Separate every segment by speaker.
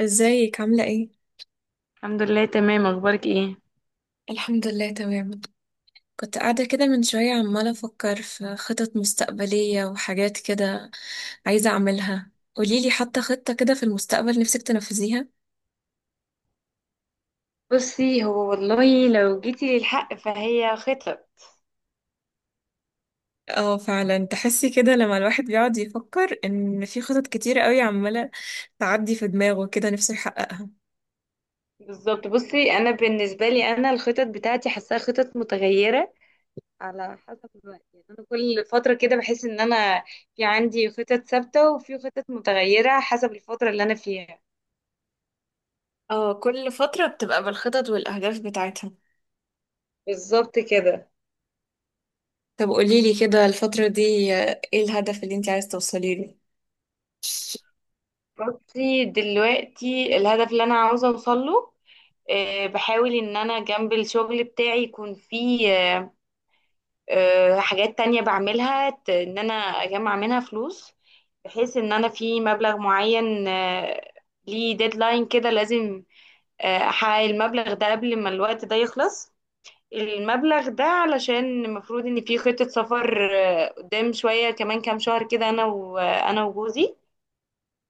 Speaker 1: ازيك عاملة ايه؟
Speaker 2: الحمد لله تمام، اخبارك ايه؟
Speaker 1: الحمد لله تمام. كنت قاعدة كده من شوية عمالة أفكر في خطط مستقبلية وحاجات كده عايزة أعملها. قوليلي حتى خطة كده في المستقبل نفسك تنفذيها.
Speaker 2: بصي، هو والله لو جيتي للحق فهي خطط.
Speaker 1: اه، فعلا تحسي كده لما الواحد بيقعد يفكر إن في خطط كتير قوي عمالة تعدي في دماغه كده نفسه يحققها.
Speaker 2: بالظبط. بصي، انا بالنسبه لي انا الخطط بتاعتي حاساها خطط متغيره على حسب الوقت. يعني انا كل فتره كده بحس ان انا في عندي خطط ثابته وفي خطط متغيره حسب الفتره اللي انا فيها.
Speaker 1: اه، كل فترة بتبقى بالخطط والأهداف بتاعتها.
Speaker 2: بالظبط كده.
Speaker 1: طب قوليلي كده الفترة دي، ايه الهدف اللي انت عايز توصلي له؟
Speaker 2: بصي، دلوقتي الهدف اللي انا عاوزه اوصل له، بحاول ان انا جنب الشغل بتاعي يكون فيه حاجات تانية بعملها، ان انا اجمع منها فلوس بحيث ان انا في مبلغ معين، ليه ديدلاين كده لازم احقق المبلغ ده قبل ما الوقت ده يخلص. المبلغ ده علشان المفروض ان في خطة سفر، قدام شوية كمان كام شهر كده، انا وجوزي.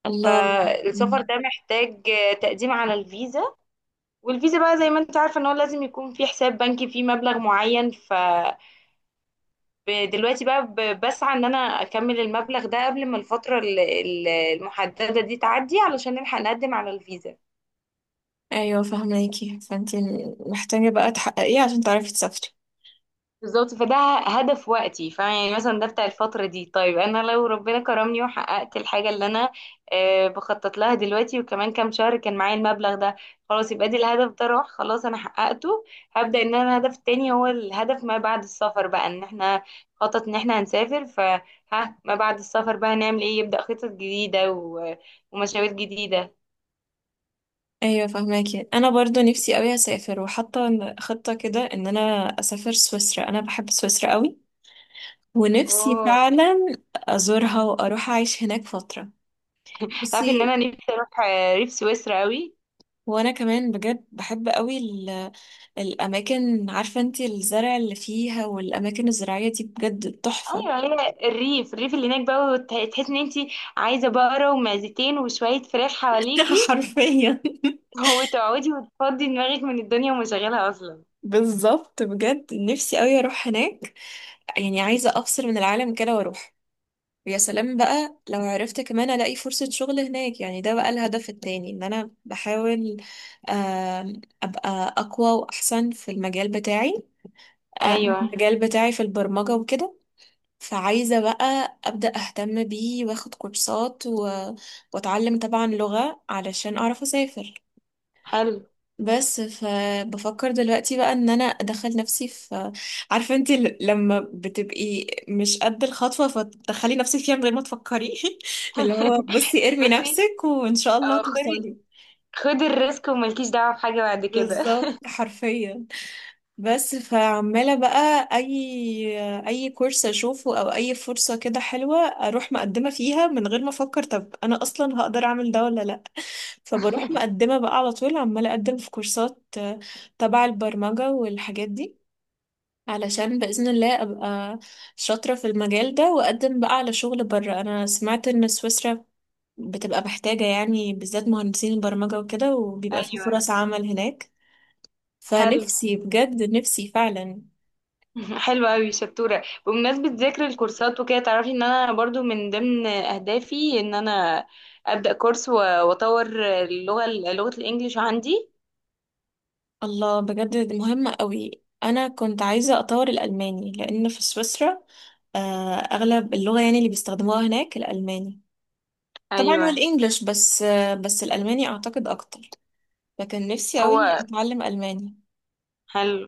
Speaker 1: الله.
Speaker 2: فالسفر ده محتاج تقديم على الفيزا. والفيزا بقى زي ما انت عارفة ان هو لازم يكون في حساب بنكي فيه مبلغ معين. دلوقتي بقى بسعى ان انا اكمل المبلغ ده قبل ما الفترة المحددة دي تعدي علشان نلحق نقدم على الفيزا.
Speaker 1: ايوه فهماكي، فانت محتاجة بقى تحققيه عشان تعرفي تسافري.
Speaker 2: بالظبط. فده هدف وقتي، فيعني مثلا ده بتاع الفترة دي. طيب أنا لو ربنا كرمني وحققت الحاجة اللي أنا بخطط لها دلوقتي، وكمان كام شهر كان معايا المبلغ ده، خلاص يبقى دي الهدف ده راح، خلاص أنا حققته. هبدأ إن أنا الهدف التاني هو الهدف ما بعد السفر بقى، إن احنا خطط إن احنا هنسافر، فها ما بعد السفر بقى هنعمل إيه، يبدأ خطط جديدة ومشاوير جديدة.
Speaker 1: ايوه فهماكي، انا برضو نفسي قوي اسافر وحاطه خطة كده ان انا اسافر سويسرا. انا بحب سويسرا قوي، ونفسي
Speaker 2: اوه.
Speaker 1: فعلا ازورها واروح اعيش هناك فترة.
Speaker 2: تعرفي ان انا
Speaker 1: بصي،
Speaker 2: نفسي اروح ريف سويسرا قوي.
Speaker 1: وانا كمان بجد بحب قوي الاماكن، عارفة انت الزرع اللي فيها والاماكن الزراعية دي بجد تحفة.
Speaker 2: ايوه، هي الريف الريف اللي هناك بقى، تحس ان انت عايزه بقره ومعزتين وشويه فراخ حواليكي.
Speaker 1: حرفيا.
Speaker 2: وتقعدي وتفضي دماغك من الدنيا ومشغلها اصلا.
Speaker 1: بالظبط، بجد نفسي قوي اروح هناك. يعني عايزة افصل من العالم كده واروح. ويا سلام بقى لو عرفت كمان الاقي فرصة شغل هناك، يعني ده بقى الهدف التاني ان انا بحاول ابقى اقوى واحسن في المجال بتاعي.
Speaker 2: ايوه،
Speaker 1: المجال بتاعي في البرمجة وكده. فعايزة بقى ابدأ اهتم بيه واخد كورسات واتعلم طبعا لغة علشان اعرف اسافر.
Speaker 2: حلو.
Speaker 1: بس فبفكر دلوقتي بقى ان انا ادخل نفسي في، عارفه انت، لما بتبقي مش قد الخطوه فتدخلي نفسك فيها من غير ما تفكري. اللي هو بصي ارمي
Speaker 2: بس
Speaker 1: نفسك وان شاء الله
Speaker 2: اه، خدي
Speaker 1: توصلي.
Speaker 2: خدي الريسك وملكيش دعوه بحاجه بعد كده.
Speaker 1: بالظبط حرفيا. بس فعماله بقى اي كورس اشوفه او اي فرصه كده حلوه، اروح مقدمه فيها من غير ما افكر طب انا اصلا هقدر اعمل ده ولا لا. فبروح مقدمه بقى على طول عماله اقدم في كورسات، تبع البرمجه والحاجات دي، علشان بإذن الله أبقى شاطرة في المجال ده وأقدم بقى على شغل بره. أنا سمعت إن سويسرا بتبقى محتاجة يعني بالذات مهندسين البرمجة وكده، وبيبقى في
Speaker 2: ايوه،
Speaker 1: فرص عمل هناك.
Speaker 2: حلو.
Speaker 1: فنفسي بجد، نفسي فعلا.
Speaker 2: حلو قوي، شطوره. بمناسبه ذكر الكورسات وكده، تعرفي ان انا برضو من ضمن اهدافي ان انا ابدا كورس واطور لغه الانجليش عندي.
Speaker 1: الله، بجد مهمة قوي. أنا كنت عايزة أطور الألماني لأن في سويسرا أغلب اللغة يعني اللي بيستخدموها هناك الألماني. طبعا
Speaker 2: ايوه،
Speaker 1: والإنجليش، بس الألماني أعتقد أكتر. لكن نفسي قوي
Speaker 2: هو
Speaker 1: أتعلم ألماني.
Speaker 2: حلو.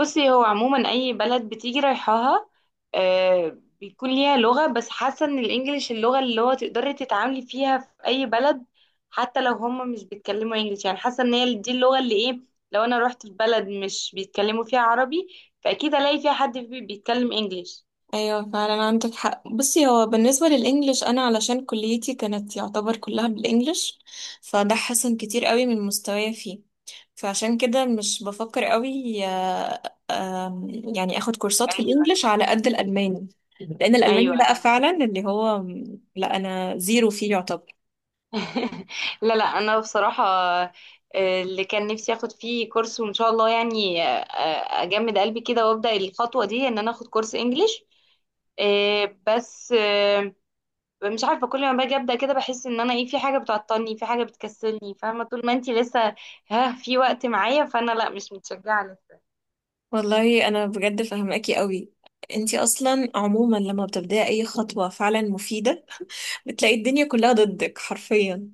Speaker 2: بصي، هو عموما اي بلد بتيجي رايحاها بيكون ليها لغة، بس حاسة ان الانجليش اللغة اللي هو تقدري تتعاملي فيها في اي بلد. حتى لو هم مش بيتكلموا انجليش، يعني حاسة ان هي دي اللغة اللي ايه. لو انا رحت في بلد مش بيتكلموا فيها عربي، فاكيد الاقي فيها حد بيتكلم انجليش.
Speaker 1: ايوه فعلا عندك حق. بصي هو بالنسبه للانجليش، انا علشان كليتي كانت يعتبر كلها بالانجليش، فده حسن كتير قوي من مستواي فيه. فعشان كده مش بفكر قوي آه، آم، يعني اخد كورسات في
Speaker 2: ايوه،
Speaker 1: الانجليش على قد الالماني. لان الالماني
Speaker 2: ايوه.
Speaker 1: بقى فعلا اللي هو، لا انا زيرو فيه يعتبر.
Speaker 2: لا، لا، انا بصراحه اللي كان نفسي اخد فيه كورس، وان شاء الله يعني اجمد قلبي كده وابدا الخطوه دي ان انا اخد كورس انجليش. بس مش عارفه، كل ما باجي ابدا كده بحس ان انا ايه، في حاجه بتعطلني، في حاجه بتكسلني. فاهمه؟ طول ما انتي لسه ها في وقت معايا، فانا لا، مش متشجعه لسه.
Speaker 1: والله انا بجد فاهماكي قوي. انتي اصلا عموما لما بتبدأي اي خطوه فعلا مفيده بتلاقي الدنيا كلها ضدك حرفيا.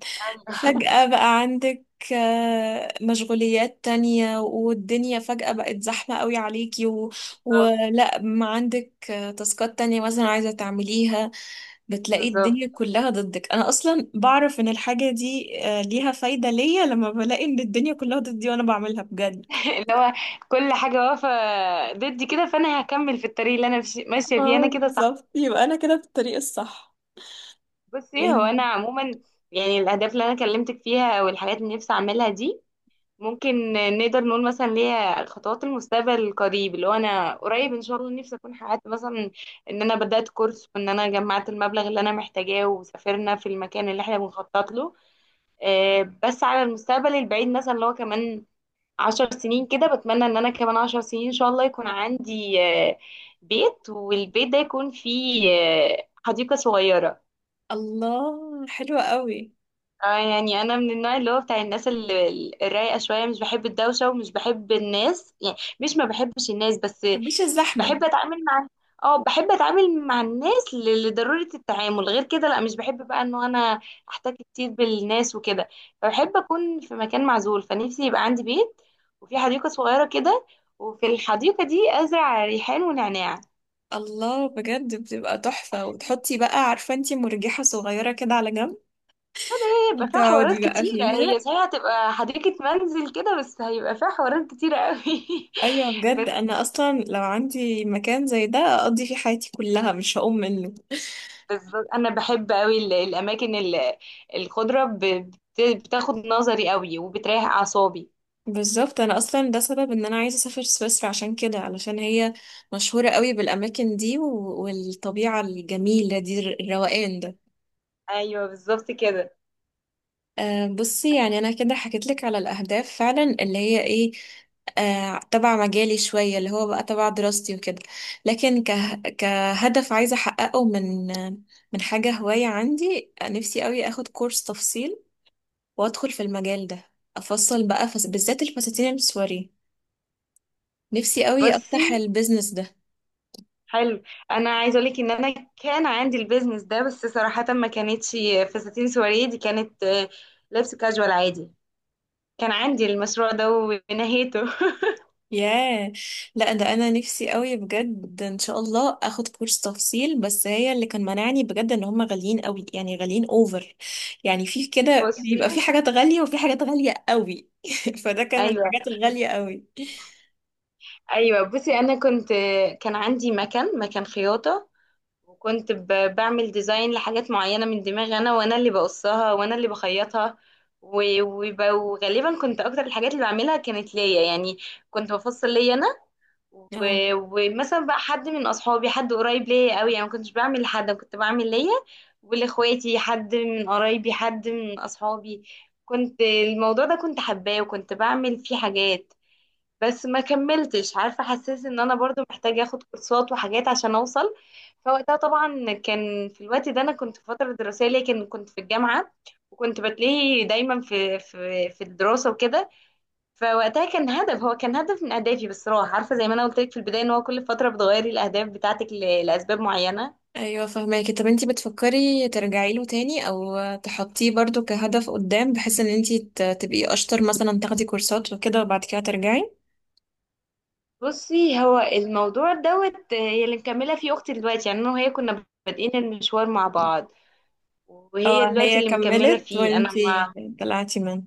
Speaker 1: فجأة بقى عندك مشغوليات تانية، والدنيا فجأة بقت زحمة قوي عليكي،
Speaker 2: بالظبط،
Speaker 1: ولا ما عندك تاسكات تانية مثلا عايزة تعمليها. بتلاقي
Speaker 2: بالظبط.
Speaker 1: الدنيا كلها ضدك. أنا أصلا بعرف إن الحاجة دي ليها فايدة ليا لما بلاقي إن الدنيا كلها ضدي وأنا بعملها بجد.
Speaker 2: اللي هو كل حاجه واقفه ضدي كده، فانا هكمل في الطريق اللي انا ماشيه فيه.
Speaker 1: اه
Speaker 2: انا كده صح.
Speaker 1: بالظبط، يبقى انا كده في الطريق الصح.
Speaker 2: بصي، هو
Speaker 1: يعني.
Speaker 2: انا عموما يعني الاهداف اللي انا كلمتك فيها والحاجات اللي نفسي اعملها دي ممكن نقدر نقول مثلا ليا خطوات المستقبل القريب، اللي هو انا قريب ان شاء الله نفسي اكون حققت مثلا ان انا بدات كورس، وان انا جمعت المبلغ اللي انا محتاجاه، وسافرنا في المكان اللي احنا بنخطط له. بس على المستقبل البعيد مثلا، اللي هو كمان 10 سنين كده، بتمنى ان انا كمان 10 سنين ان شاء الله يكون عندي بيت، والبيت ده يكون فيه حديقة صغيرة.
Speaker 1: الله، حلوة قوي.
Speaker 2: اه، يعني انا من النوع اللي هو بتاع الناس اللي الرايقه شويه. مش بحب الدوشه ومش بحب الناس. يعني مش ما بحبش الناس، بس
Speaker 1: محبيش الزحمة.
Speaker 2: بحب اتعامل مع. اه، بحب اتعامل مع الناس لضروره التعامل. غير كده لا، مش بحب بقى انه انا احتك كتير بالناس وكده. فبحب اكون في مكان معزول. فنفسي يبقى عندي بيت، وفي حديقه صغيره كده، وفي الحديقه دي ازرع ريحان ونعناع.
Speaker 1: الله، بجد بتبقى تحفة، وتحطي بقى، عارفة انتي، مرجحة صغيرة كده على جنب
Speaker 2: هيبقى فيها حوارات
Speaker 1: وتقعدي بقى
Speaker 2: كتيرة. هي
Speaker 1: فيها.
Speaker 2: صحيح هتبقى حديقة منزل كده، بس هيبقى فيها حوارات كتيرة قوي.
Speaker 1: ايوه بجد
Speaker 2: بس
Speaker 1: انا اصلا لو عندي مكان زي ده اقضي فيه حياتي كلها مش هقوم منه.
Speaker 2: بس أنا بحب قوي الأماكن الخضرة بتاخد نظري قوي وبتريح أعصابي.
Speaker 1: بالظبط، انا اصلا ده سبب ان انا عايزة اسافر سويسرا عشان كده، علشان هي مشهورة قوي بالاماكن دي والطبيعة الجميلة دي الروقان ده.
Speaker 2: أيوه، بالظبط كده.
Speaker 1: بصي يعني انا كده حكيت لك على الاهداف فعلا اللي هي ايه. تبع مجالي شويه اللي هو بقى تبع دراستي وكده. لكن كهدف عايزه احققه من حاجه هوايه عندي، نفسي قوي اخد كورس تفصيل وادخل في المجال ده. افصل بقى بالذات الفساتين السواري، نفسي قوي افتح
Speaker 2: بصي،
Speaker 1: البيزنس ده.
Speaker 2: حلو. أنا عايزة أقولك إن أنا كان عندي البيزنس ده، بس صراحة ما كانتش فساتين سواريه. دي كانت لبس كاجوال عادي. كان عندي المشروع ده ونهيته.
Speaker 1: ياه. لا ده انا نفسي قوي بجد ان شاء الله اخد كورس تفصيل، بس هي اللي كان مانعني بجد ان هم غاليين قوي، يعني غاليين اوفر. يعني في كده
Speaker 2: بصي.
Speaker 1: بيبقى في حاجات غالية وفي حاجات غالية قوي. فده كان من
Speaker 2: ايوه،
Speaker 1: الحاجات الغالية قوي.
Speaker 2: ايوه. بصي، انا كنت كان عندي مكان خياطه. وكنت بعمل ديزاين لحاجات معينه من دماغي، انا اللي بقصها وانا اللي بخيطها. وغالبا كنت اكتر الحاجات اللي بعملها كانت ليا، يعني كنت بفصل ليا انا.
Speaker 1: اه
Speaker 2: و- ومثلا بقى حد من اصحابي، حد قريب ليا قوي، يعني ما كنتش بعمل لحد. أنا كنت بعمل ليا ولاخواتي، حد من قرايبي، حد من اصحابي. كنت الموضوع ده كنت حباه وكنت بعمل فيه حاجات. بس ما كملتش. عارفة، حسيت ان انا برضو محتاجة اخد كورسات وحاجات عشان اوصل. فوقتها طبعا كان في الوقت ده انا كنت في فترة دراسية، لكن كنت في الجامعة وكنت بتلاقي دايما في الدراسة وكده. فوقتها كان هدف، هو كان هدف من اهدافي، بس راح. عارفة، زي ما انا قلت لك في البداية، ان هو كل فترة بتغيري الاهداف بتاعتك لاسباب معينة.
Speaker 1: ايوه فهماكي. طب انتي بتفكري ترجعي له تاني او تحطيه برضو كهدف قدام، بحيث ان انتي تبقي اشطر مثلا تاخدي كورسات وكده وبعد كده ترجعي.
Speaker 2: بصي، هو الموضوع دوت، هي اللي مكملة فيه اختي دلوقتي. يعني انا وهي كنا بادئين المشوار مع بعض، وهي
Speaker 1: اه
Speaker 2: دلوقتي
Speaker 1: هي
Speaker 2: اللي مكملة
Speaker 1: كملت
Speaker 2: فيه انا
Speaker 1: وانتي
Speaker 2: ما.
Speaker 1: طلعتي منها.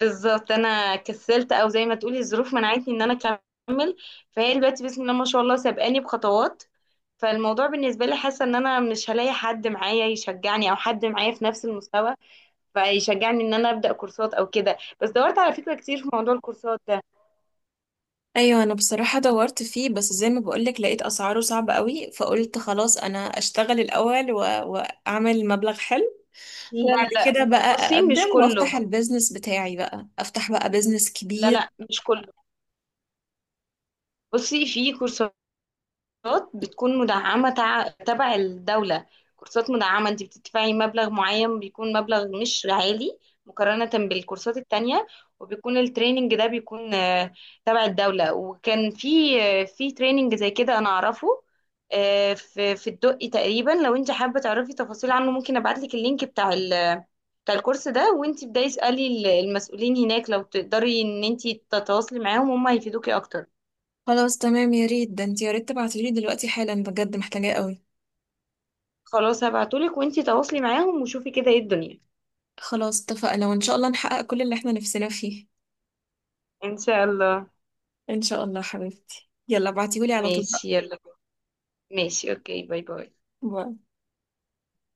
Speaker 2: بالظبط، انا كسلت، او زي ما تقولي الظروف منعتني ان انا اكمل. فهي دلوقتي بسم الله ما شاء الله سابقاني بخطوات. فالموضوع بالنسبه لي، حاسه ان انا مش هلاقي حد معايا يشجعني او حد معايا في نفس المستوى فيشجعني ان انا ابدا كورسات او كده. بس دورت على فكره كتير في موضوع الكورسات ده.
Speaker 1: ايوه انا بصراحه دورت فيه، بس زي ما بقولك لقيت اسعاره صعبه قوي، فقلت خلاص انا اشتغل الاول واعمل مبلغ حلو،
Speaker 2: لا،
Speaker 1: وبعد
Speaker 2: لا،
Speaker 1: كده
Speaker 2: لا.
Speaker 1: بقى
Speaker 2: بصي، مش
Speaker 1: اقدم
Speaker 2: كله.
Speaker 1: وافتح البيزنس بتاعي، بقى افتح بقى بيزنس
Speaker 2: لا،
Speaker 1: كبير.
Speaker 2: لا، مش كله. بصي، في كورسات. كورسات بتكون مدعمة، تبع الدولة. كورسات مدعمة، انت بتدفعي مبلغ معين بيكون مبلغ مش عالي مقارنة بالكورسات التانية. وبيكون التريننج ده بيكون تبع الدولة. وكان في تريننج زي كده انا اعرفه، في الدقي تقريبا. لو انت حابة تعرفي تفاصيل عنه، ممكن ابعتلك اللينك بتاع الكورس ده. وانت بداي اسألي المسؤولين هناك، لو تقدري ان انت تتواصلي معاهم هم هيفيدوكي اكتر.
Speaker 1: خلاص تمام، يا ريت ده انت يا ريت تبعتيلي دلوقتي حالا، بجد محتاجاه قوي.
Speaker 2: خلاص، هبعتهولك وانتي تواصلي معاهم وشوفي كده ايه الدنيا.
Speaker 1: خلاص اتفقنا، وان شاء الله نحقق كل اللي احنا نفسنا فيه.
Speaker 2: ان شاء الله.
Speaker 1: ان شاء الله حبيبتي، يلا ابعتيهولي على طول بقى.
Speaker 2: ماشي، يلا. ماشي، اوكي. باي باي.
Speaker 1: باي.